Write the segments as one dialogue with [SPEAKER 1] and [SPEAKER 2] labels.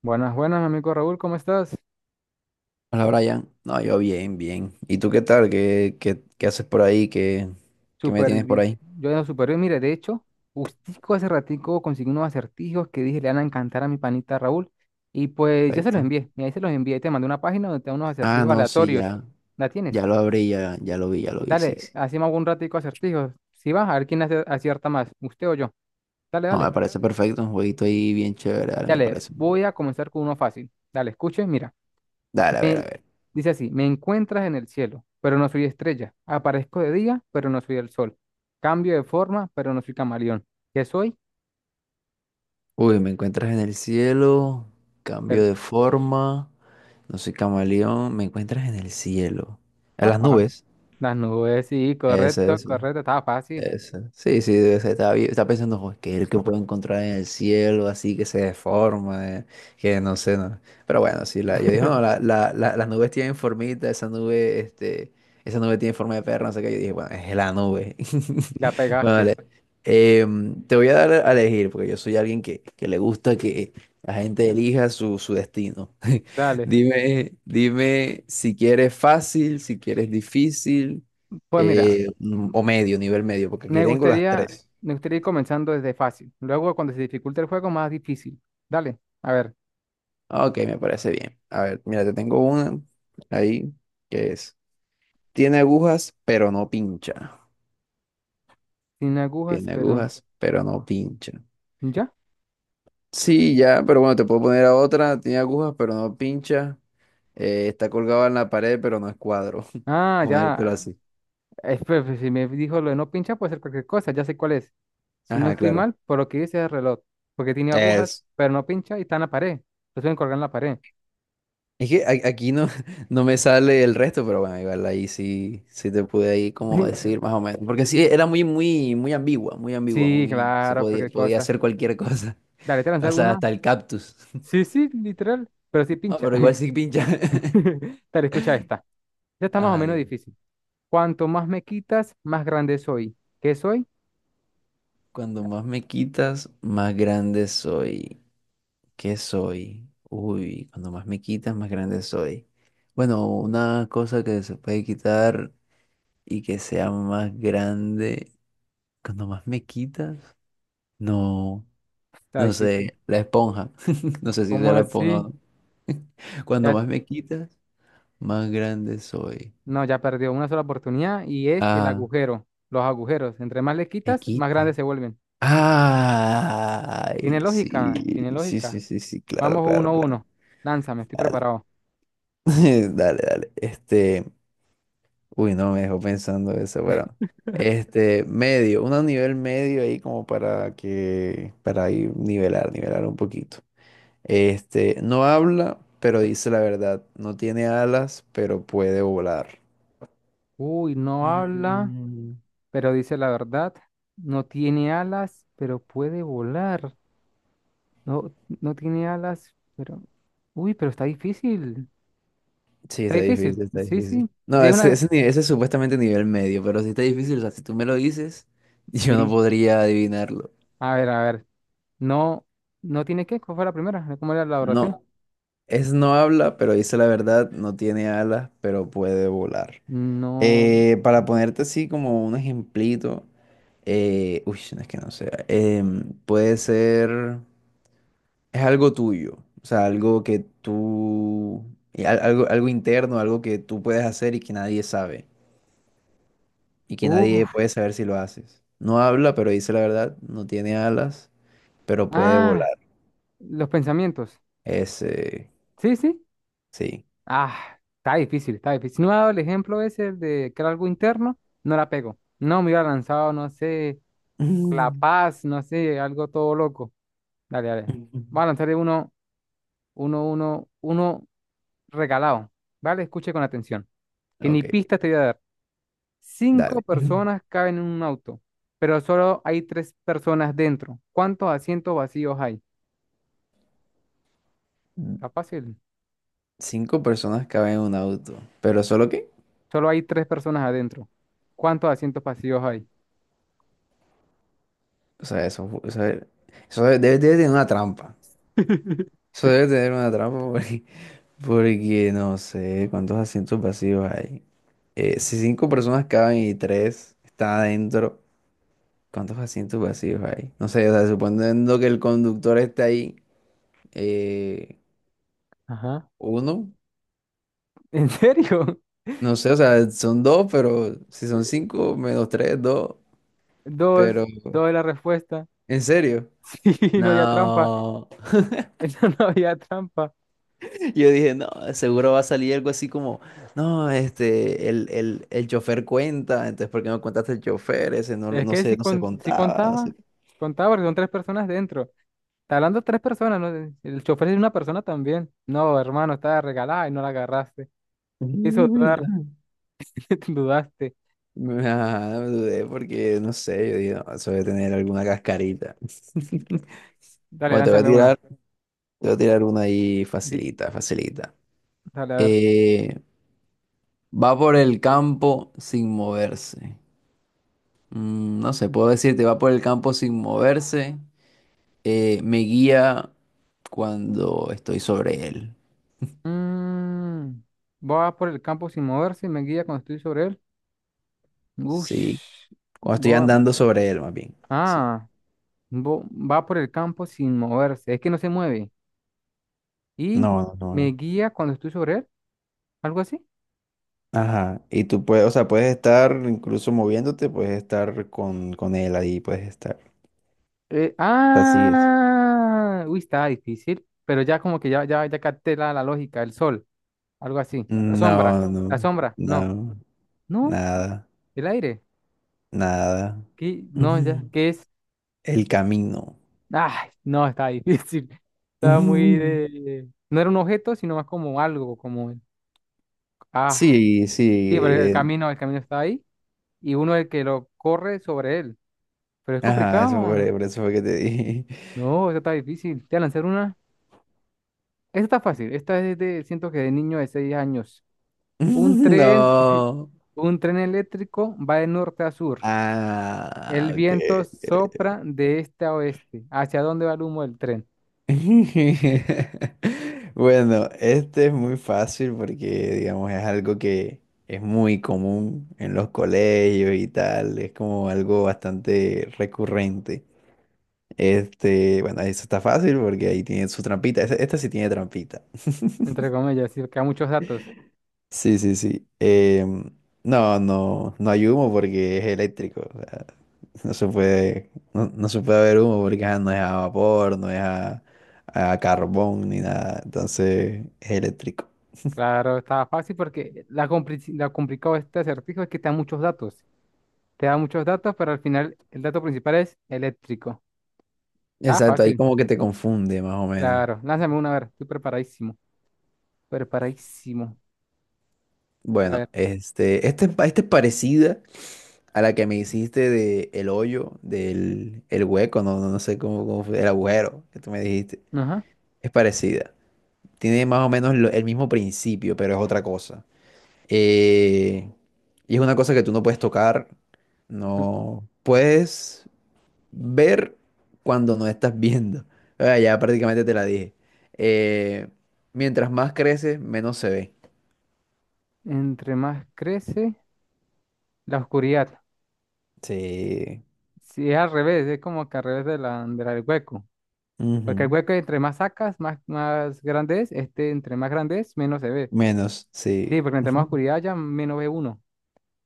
[SPEAKER 1] Buenas, buenas, mi amigo Raúl, ¿cómo estás?
[SPEAKER 2] Hola Brian, no, yo bien, bien. ¿Y tú qué tal? ¿Qué haces por ahí? ¿Qué me
[SPEAKER 1] Súper
[SPEAKER 2] tienes por
[SPEAKER 1] bien.
[SPEAKER 2] ahí?
[SPEAKER 1] Yo ando súper bien. Mire, de hecho, justico hace ratico conseguí unos acertijos que dije le van a encantar a mi panita Raúl. Y pues ya se los
[SPEAKER 2] Perfecto.
[SPEAKER 1] envié. Y ahí se los envié. Te mandé una página donde te da unos
[SPEAKER 2] Ah,
[SPEAKER 1] acertijos
[SPEAKER 2] no, sí,
[SPEAKER 1] aleatorios.
[SPEAKER 2] ya,
[SPEAKER 1] ¿La
[SPEAKER 2] ya
[SPEAKER 1] tienes?
[SPEAKER 2] lo abrí, ya, ya lo vi, sí,
[SPEAKER 1] Dale,
[SPEAKER 2] sí.
[SPEAKER 1] hacemos un ratico acertijos. Si vas, a ver quién acierta más, usted o yo. Dale,
[SPEAKER 2] No, me
[SPEAKER 1] dale.
[SPEAKER 2] parece perfecto, un jueguito ahí bien chévere, dale, me
[SPEAKER 1] Dale,
[SPEAKER 2] parece muy bien.
[SPEAKER 1] voy a comenzar con uno fácil. Dale, escuche, mira.
[SPEAKER 2] Dale, a ver, a
[SPEAKER 1] Me,
[SPEAKER 2] ver.
[SPEAKER 1] Dice así, me encuentras en el cielo, pero no soy estrella. Aparezco de día, pero no soy el sol. Cambio de forma, pero no soy camaleón. ¿Qué soy?
[SPEAKER 2] Uy, me encuentras en el cielo, cambio
[SPEAKER 1] Pero,
[SPEAKER 2] de forma, no soy camaleón, me encuentras en el cielo. En
[SPEAKER 1] Está
[SPEAKER 2] las
[SPEAKER 1] fácil.
[SPEAKER 2] nubes.
[SPEAKER 1] Las nubes, sí,
[SPEAKER 2] Ese
[SPEAKER 1] correcto,
[SPEAKER 2] es.
[SPEAKER 1] correcto, está fácil.
[SPEAKER 2] Eso. Sí, sí, debe ser. Estaba pensando, "Jo, ¿qué es el que puedo encontrar en el cielo así que se deforma? Que no sé, no". Pero bueno, sí, yo dije, no, las nubes tienen formita, esa nube tiene forma de perro, no sé qué. Yo dije, bueno, es la nube.
[SPEAKER 1] La
[SPEAKER 2] Bueno,
[SPEAKER 1] pegaste.
[SPEAKER 2] vale. Te voy a dar a elegir, porque yo soy alguien que le gusta que la gente elija su destino.
[SPEAKER 1] Dale.
[SPEAKER 2] Dime, dime si quieres fácil, si quieres difícil,
[SPEAKER 1] Pues mira,
[SPEAKER 2] o medio, nivel medio, porque aquí
[SPEAKER 1] me
[SPEAKER 2] tengo las
[SPEAKER 1] gustaría,
[SPEAKER 2] tres.
[SPEAKER 1] me gustaría ir comenzando desde fácil. Luego, cuando se dificulta el juego, más difícil. Dale, a ver.
[SPEAKER 2] Ok, me parece bien. A ver, mira, te tengo una ahí que es, tiene agujas, pero no pincha.
[SPEAKER 1] Sin agujas,
[SPEAKER 2] Tiene
[SPEAKER 1] pero...
[SPEAKER 2] agujas, pero no pincha.
[SPEAKER 1] ¿Ya?
[SPEAKER 2] Sí, ya, pero bueno, te puedo poner a otra. Tiene agujas, pero no pincha. Está colgado en la pared, pero no es cuadro.
[SPEAKER 1] Ah,
[SPEAKER 2] Ponértelo
[SPEAKER 1] ya.
[SPEAKER 2] así.
[SPEAKER 1] Pues, si me dijo lo de no pinchar, puede ser cualquier cosa, ya sé cuál es. Si no
[SPEAKER 2] Ajá,
[SPEAKER 1] estoy
[SPEAKER 2] claro.
[SPEAKER 1] mal, por lo que dice es el reloj, porque tiene agujas, pero no pincha y está en la pared. Lo suelen colgar en la pared.
[SPEAKER 2] Es que aquí no, no me sale el resto, pero bueno, igual ahí sí, sí te pude ahí como decir más o menos. Porque sí, era muy ambigua, muy ambigua,
[SPEAKER 1] Sí,
[SPEAKER 2] muy, se
[SPEAKER 1] claro,
[SPEAKER 2] podía,
[SPEAKER 1] cualquier
[SPEAKER 2] podía
[SPEAKER 1] cosa.
[SPEAKER 2] hacer cualquier cosa.
[SPEAKER 1] Dale, te voy a
[SPEAKER 2] O
[SPEAKER 1] lanzar
[SPEAKER 2] sea,
[SPEAKER 1] una.
[SPEAKER 2] hasta el cactus.
[SPEAKER 1] Sí, sí, literal, pero sí
[SPEAKER 2] Ah,
[SPEAKER 1] pincha.
[SPEAKER 2] pero igual sí pincha.
[SPEAKER 1] Dale, escucha esta. Ya está más o
[SPEAKER 2] Ajá,
[SPEAKER 1] menos
[SPEAKER 2] dime.
[SPEAKER 1] difícil. Cuanto más me quitas, más grande soy. ¿Qué soy?
[SPEAKER 2] Cuando más me quitas, más grande soy. ¿Qué soy? Uy, cuando más me quitas, más grande soy. Bueno, una cosa que se puede quitar y que sea más grande. Cuando más me quitas, no.
[SPEAKER 1] Está
[SPEAKER 2] No
[SPEAKER 1] difícil.
[SPEAKER 2] sé, la esponja. No sé si
[SPEAKER 1] ¿Cómo
[SPEAKER 2] sea la esponja o
[SPEAKER 1] así?
[SPEAKER 2] no. Cuando
[SPEAKER 1] Ya,
[SPEAKER 2] más me quitas, más grande soy.
[SPEAKER 1] no, ya perdió una sola oportunidad y es el
[SPEAKER 2] Ah,
[SPEAKER 1] agujero, los agujeros. Entre más le
[SPEAKER 2] me
[SPEAKER 1] quitas, más grandes
[SPEAKER 2] quita.
[SPEAKER 1] se vuelven.
[SPEAKER 2] Ay,
[SPEAKER 1] Tiene
[SPEAKER 2] sí,
[SPEAKER 1] lógica, tiene
[SPEAKER 2] sí, sí,
[SPEAKER 1] lógica.
[SPEAKER 2] sí, sí, claro,
[SPEAKER 1] Vamos uno
[SPEAKER 2] claro,
[SPEAKER 1] a
[SPEAKER 2] claro.
[SPEAKER 1] uno. Lánzame, estoy
[SPEAKER 2] Dale,
[SPEAKER 1] preparado.
[SPEAKER 2] dale, dale. Este, uy, no, me dejó pensando eso, bueno. Este, medio, un nivel medio ahí como para para ir nivelar, nivelar un poquito. Este, no habla, pero dice la verdad. No tiene alas, pero puede volar.
[SPEAKER 1] Uy, no habla,
[SPEAKER 2] Mm.
[SPEAKER 1] pero dice la verdad. No tiene alas, pero puede volar. No, no tiene alas, pero... Uy, pero está difícil.
[SPEAKER 2] Sí,
[SPEAKER 1] Está
[SPEAKER 2] está
[SPEAKER 1] difícil.
[SPEAKER 2] difícil, está
[SPEAKER 1] Sí,
[SPEAKER 2] difícil.
[SPEAKER 1] sí.
[SPEAKER 2] No,
[SPEAKER 1] Sí, es
[SPEAKER 2] ese,
[SPEAKER 1] una...
[SPEAKER 2] ese, ni- ese es supuestamente nivel medio, pero sí está difícil. O sea, si tú me lo dices, yo no
[SPEAKER 1] Sí.
[SPEAKER 2] podría adivinarlo.
[SPEAKER 1] A ver, a ver. No, no tiene qué. ¿Cuál fue la primera? ¿Cómo era la oración?
[SPEAKER 2] No, es no habla, pero dice la verdad, no tiene alas, pero puede volar.
[SPEAKER 1] No.
[SPEAKER 2] Para ponerte así como un ejemplito, no es que no sea. Puede ser, es algo tuyo, o sea, y algo, algo interno, algo que tú puedes hacer y que nadie sabe, y que nadie
[SPEAKER 1] Uf.
[SPEAKER 2] puede saber si lo haces. No habla, pero dice la verdad, no tiene alas, pero puede
[SPEAKER 1] Ah,
[SPEAKER 2] volar.
[SPEAKER 1] los pensamientos.
[SPEAKER 2] Ese,
[SPEAKER 1] Sí, sí.
[SPEAKER 2] sí.
[SPEAKER 1] Ah, está difícil, está difícil. Si no me ha dado el ejemplo ese de que era algo interno, no la pego. No, me hubiera lanzado, no sé, La
[SPEAKER 2] Mm.
[SPEAKER 1] Paz, no sé, algo todo loco. Dale, dale. Voy a lanzarle uno regalado. ¿Vale? Escuche con atención. Que ni
[SPEAKER 2] Ok,
[SPEAKER 1] pista te voy a dar. Cinco
[SPEAKER 2] dale. Ujú.
[SPEAKER 1] personas caben en un auto, pero solo hay tres personas dentro. ¿Cuántos asientos vacíos hay? Está fácil.
[SPEAKER 2] Cinco personas caben en un auto, pero solo que,
[SPEAKER 1] Solo hay tres personas adentro. ¿Cuántos asientos vacíos hay?
[SPEAKER 2] o sea, debe tener una trampa. Eso debe tener una trampa porque, porque no sé cuántos asientos vacíos hay. Si cinco personas caben y tres están adentro. ¿Cuántos asientos vacíos hay? No sé, o sea, suponiendo que el conductor está ahí, eh,
[SPEAKER 1] Ajá.
[SPEAKER 2] uno,
[SPEAKER 1] ¿En serio?
[SPEAKER 2] no sé, o sea, son dos, pero si son
[SPEAKER 1] Eh,
[SPEAKER 2] cinco, menos tres, dos,
[SPEAKER 1] Dos,
[SPEAKER 2] pero,
[SPEAKER 1] dos es la respuesta.
[SPEAKER 2] ¿en serio?
[SPEAKER 1] Sí, no había trampa.
[SPEAKER 2] No,
[SPEAKER 1] Eso no había trampa.
[SPEAKER 2] yo dije, no, seguro va a salir algo así como, no, este, el chofer cuenta, entonces, ¿por qué no contaste el chofer? Ese no,
[SPEAKER 1] Es
[SPEAKER 2] no
[SPEAKER 1] que si,
[SPEAKER 2] sé, no se
[SPEAKER 1] con, si
[SPEAKER 2] contaba, no
[SPEAKER 1] contaba,
[SPEAKER 2] sé qué.
[SPEAKER 1] contaba porque son tres personas dentro. Está hablando tres personas, ¿no? El chofer es una persona también. No, hermano, estaba regalada y no la agarraste. Hizo dudar, dudaste.
[SPEAKER 2] Mm. Ajá, me dudé porque, no sé, yo dije, no, eso debe tener alguna cascarita.
[SPEAKER 1] Dale,
[SPEAKER 2] Bueno,
[SPEAKER 1] lánzame una.
[SPEAKER 2] te voy a tirar una ahí
[SPEAKER 1] Di-
[SPEAKER 2] facilita, facilita.
[SPEAKER 1] Dale, a ver.
[SPEAKER 2] Eh, Va por el campo sin moverse. Mm, no sé, puedo decirte, va por el campo sin moverse. Me guía cuando estoy sobre él.
[SPEAKER 1] Mm, Va por el campo sin moverse y me guía cuando estoy sobre él.
[SPEAKER 2] Sí,
[SPEAKER 1] Ush,
[SPEAKER 2] cuando estoy
[SPEAKER 1] va,
[SPEAKER 2] andando sobre él, más bien. Sí.
[SPEAKER 1] ah, vo- va por el campo sin moverse. Es que no se mueve. Y
[SPEAKER 2] No, no,
[SPEAKER 1] me
[SPEAKER 2] no.
[SPEAKER 1] guía cuando estoy sobre él, algo así.
[SPEAKER 2] Ajá. Y tú puedes, o sea, puedes estar incluso moviéndote, puedes estar con él ahí, puedes estar. Así es.
[SPEAKER 1] Uy, estaba difícil, pero ya como que ya capté la lógica, el sol, algo así,
[SPEAKER 2] No,
[SPEAKER 1] la
[SPEAKER 2] no,
[SPEAKER 1] sombra, no,
[SPEAKER 2] no,
[SPEAKER 1] no,
[SPEAKER 2] nada.
[SPEAKER 1] el aire,
[SPEAKER 2] Nada.
[SPEAKER 1] ¿qué? No, ya,
[SPEAKER 2] Ujú.
[SPEAKER 1] ¿qué es?
[SPEAKER 2] El camino.
[SPEAKER 1] Ay, no, está difícil, estaba muy
[SPEAKER 2] Ujú.
[SPEAKER 1] de... No era un objeto, sino más como algo, como... Ah,
[SPEAKER 2] Sí, sí.
[SPEAKER 1] sí, pero el camino está ahí y uno es el que lo corre sobre él, pero es
[SPEAKER 2] Ajá, eso
[SPEAKER 1] complicado,
[SPEAKER 2] fue, por eso fue que te dije.
[SPEAKER 1] no, eso está difícil, te voy a lanzar una. Esta está fácil. Esta es de, siento que de niño de 6 años. Un tren,
[SPEAKER 2] No.
[SPEAKER 1] un tren eléctrico va de norte a sur.
[SPEAKER 2] Ah,
[SPEAKER 1] El
[SPEAKER 2] ok.
[SPEAKER 1] viento sopra
[SPEAKER 2] Ok.
[SPEAKER 1] de este a oeste. ¿Hacia dónde va el humo del tren?
[SPEAKER 2] Bueno, este es muy fácil porque, digamos, es algo que es muy común en los colegios y tal. Es como algo bastante recurrente. Este, bueno, eso está fácil porque ahí tiene su trampita. Esta, sí tiene trampita.
[SPEAKER 1] Entre comillas, sí, porque hay muchos datos.
[SPEAKER 2] Sí, sí, sí. No, no hay humo porque es eléctrico. O sea, no se puede, no, no se puede haber humo porque ajá, no es a vapor, no es a carbón ni nada. Entonces es eléctrico.
[SPEAKER 1] Claro, está fácil porque la complicado de este acertijo es que te da muchos datos. Te da muchos datos, pero al final el dato principal es eléctrico. Está
[SPEAKER 2] Exacto, ahí
[SPEAKER 1] fácil.
[SPEAKER 2] como que te confunde más o menos.
[SPEAKER 1] Claro, lánzame una, a ver, estoy preparadísimo. Preparadísimo. A ver,
[SPEAKER 2] Bueno, esta es parecida. A la que me hiciste de del el hueco, no, no, no sé cómo, cómo fue, el agujero que tú me dijiste.
[SPEAKER 1] ajá.
[SPEAKER 2] Es parecida. Tiene más o menos el mismo principio, pero es otra cosa. Eh, y es una cosa que tú no puedes tocar, no puedes ver cuando no estás viendo. Ah, ya prácticamente te la dije. Eh, Mientras más creces, menos se ve.
[SPEAKER 1] Entre más crece. La oscuridad.
[SPEAKER 2] Sí.
[SPEAKER 1] Si es al revés, es como que al revés de la del hueco. Porque el
[SPEAKER 2] Ujú.
[SPEAKER 1] hueco entre más sacas, más grande es. Este entre más grande es, menos se ve.
[SPEAKER 2] Menos,
[SPEAKER 1] Sí,
[SPEAKER 2] sí.
[SPEAKER 1] porque entre más oscuridad haya, menos ve uno.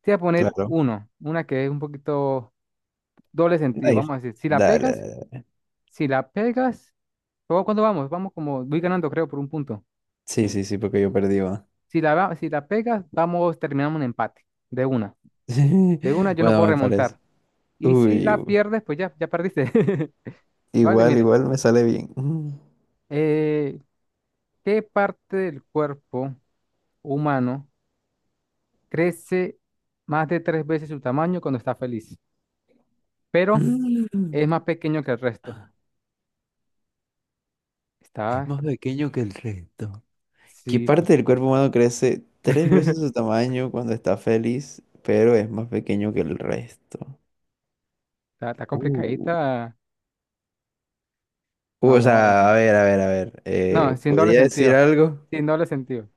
[SPEAKER 1] Te voy a poner
[SPEAKER 2] Claro.
[SPEAKER 1] uno, una que es un poquito doble sentido.
[SPEAKER 2] Ahí.
[SPEAKER 1] Vamos a decir, si la
[SPEAKER 2] Dale,
[SPEAKER 1] pegas,
[SPEAKER 2] dale.
[SPEAKER 1] si la pegas, ¿cómo- ¿cuánto vamos? Vamos como, voy ganando creo por un punto.
[SPEAKER 2] Sí, sí, sí, porque yo perdí, va.
[SPEAKER 1] Si la pegas, vamos, terminamos un empate. De una. De una yo no
[SPEAKER 2] Bueno,
[SPEAKER 1] puedo
[SPEAKER 2] me parece.
[SPEAKER 1] remontar. Y si
[SPEAKER 2] Uy,
[SPEAKER 1] la
[SPEAKER 2] u-
[SPEAKER 1] pierdes, pues ya, ya perdiste. Vale,
[SPEAKER 2] Igual,
[SPEAKER 1] mire.
[SPEAKER 2] igual me sale bien. Mm.
[SPEAKER 1] eh, ¿Qué parte del cuerpo humano crece más de tres veces su tamaño cuando está feliz, pero
[SPEAKER 2] Mm.
[SPEAKER 1] es más pequeño que el resto?
[SPEAKER 2] Es
[SPEAKER 1] Está,
[SPEAKER 2] más pequeño que el resto. ¿Qué
[SPEAKER 1] sí,
[SPEAKER 2] parte del cuerpo humano crece tres veces su tamaño cuando está feliz, pero es más pequeño que el resto?
[SPEAKER 1] está,
[SPEAKER 2] Uh.
[SPEAKER 1] complicadita.
[SPEAKER 2] O
[SPEAKER 1] Vamos, vamos.
[SPEAKER 2] sea, a ver.
[SPEAKER 1] No, sin doble
[SPEAKER 2] ¿Podría decir
[SPEAKER 1] sentido,
[SPEAKER 2] algo?
[SPEAKER 1] sin doble sentido.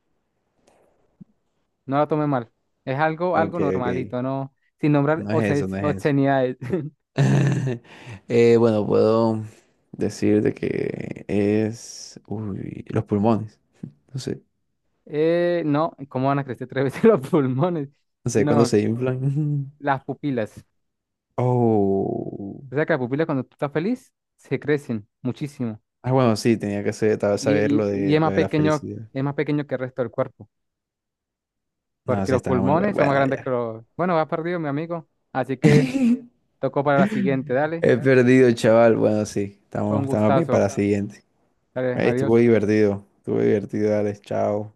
[SPEAKER 1] No la tome mal. Es algo, algo
[SPEAKER 2] Ok, ok.
[SPEAKER 1] normalito, no, sin nombrar
[SPEAKER 2] No es eso, no es eso.
[SPEAKER 1] obscenidades.
[SPEAKER 2] Bueno, puedo decir de que es... Uy, los pulmones. No sé.
[SPEAKER 1] No, ¿cómo van a crecer tres veces los pulmones?
[SPEAKER 2] No sé, cuando
[SPEAKER 1] No,
[SPEAKER 2] se inflan.
[SPEAKER 1] las pupilas.
[SPEAKER 2] Oh.
[SPEAKER 1] O sea que las pupilas cuando tú estás feliz se crecen muchísimo.
[SPEAKER 2] Ah, bueno, sí, tal vez
[SPEAKER 1] y,
[SPEAKER 2] saber
[SPEAKER 1] y- y
[SPEAKER 2] lo de la felicidad.
[SPEAKER 1] es más pequeño que el resto del cuerpo,
[SPEAKER 2] No,
[SPEAKER 1] porque
[SPEAKER 2] sí,
[SPEAKER 1] los
[SPEAKER 2] estaba
[SPEAKER 1] pulmones son más
[SPEAKER 2] bueno.
[SPEAKER 1] grandes que
[SPEAKER 2] Ya.
[SPEAKER 1] los... Bueno, va perdido, mi amigo. Así que tocó para la siguiente, dale.
[SPEAKER 2] He perdido, chaval. Bueno, sí,
[SPEAKER 1] Fue
[SPEAKER 2] estamos,
[SPEAKER 1] un
[SPEAKER 2] estamos bien
[SPEAKER 1] gustazo.
[SPEAKER 2] para la siguiente.
[SPEAKER 1] Dale,
[SPEAKER 2] Ey, estuvo
[SPEAKER 1] adiós.
[SPEAKER 2] divertido. Estuvo divertido, Alex. Chao.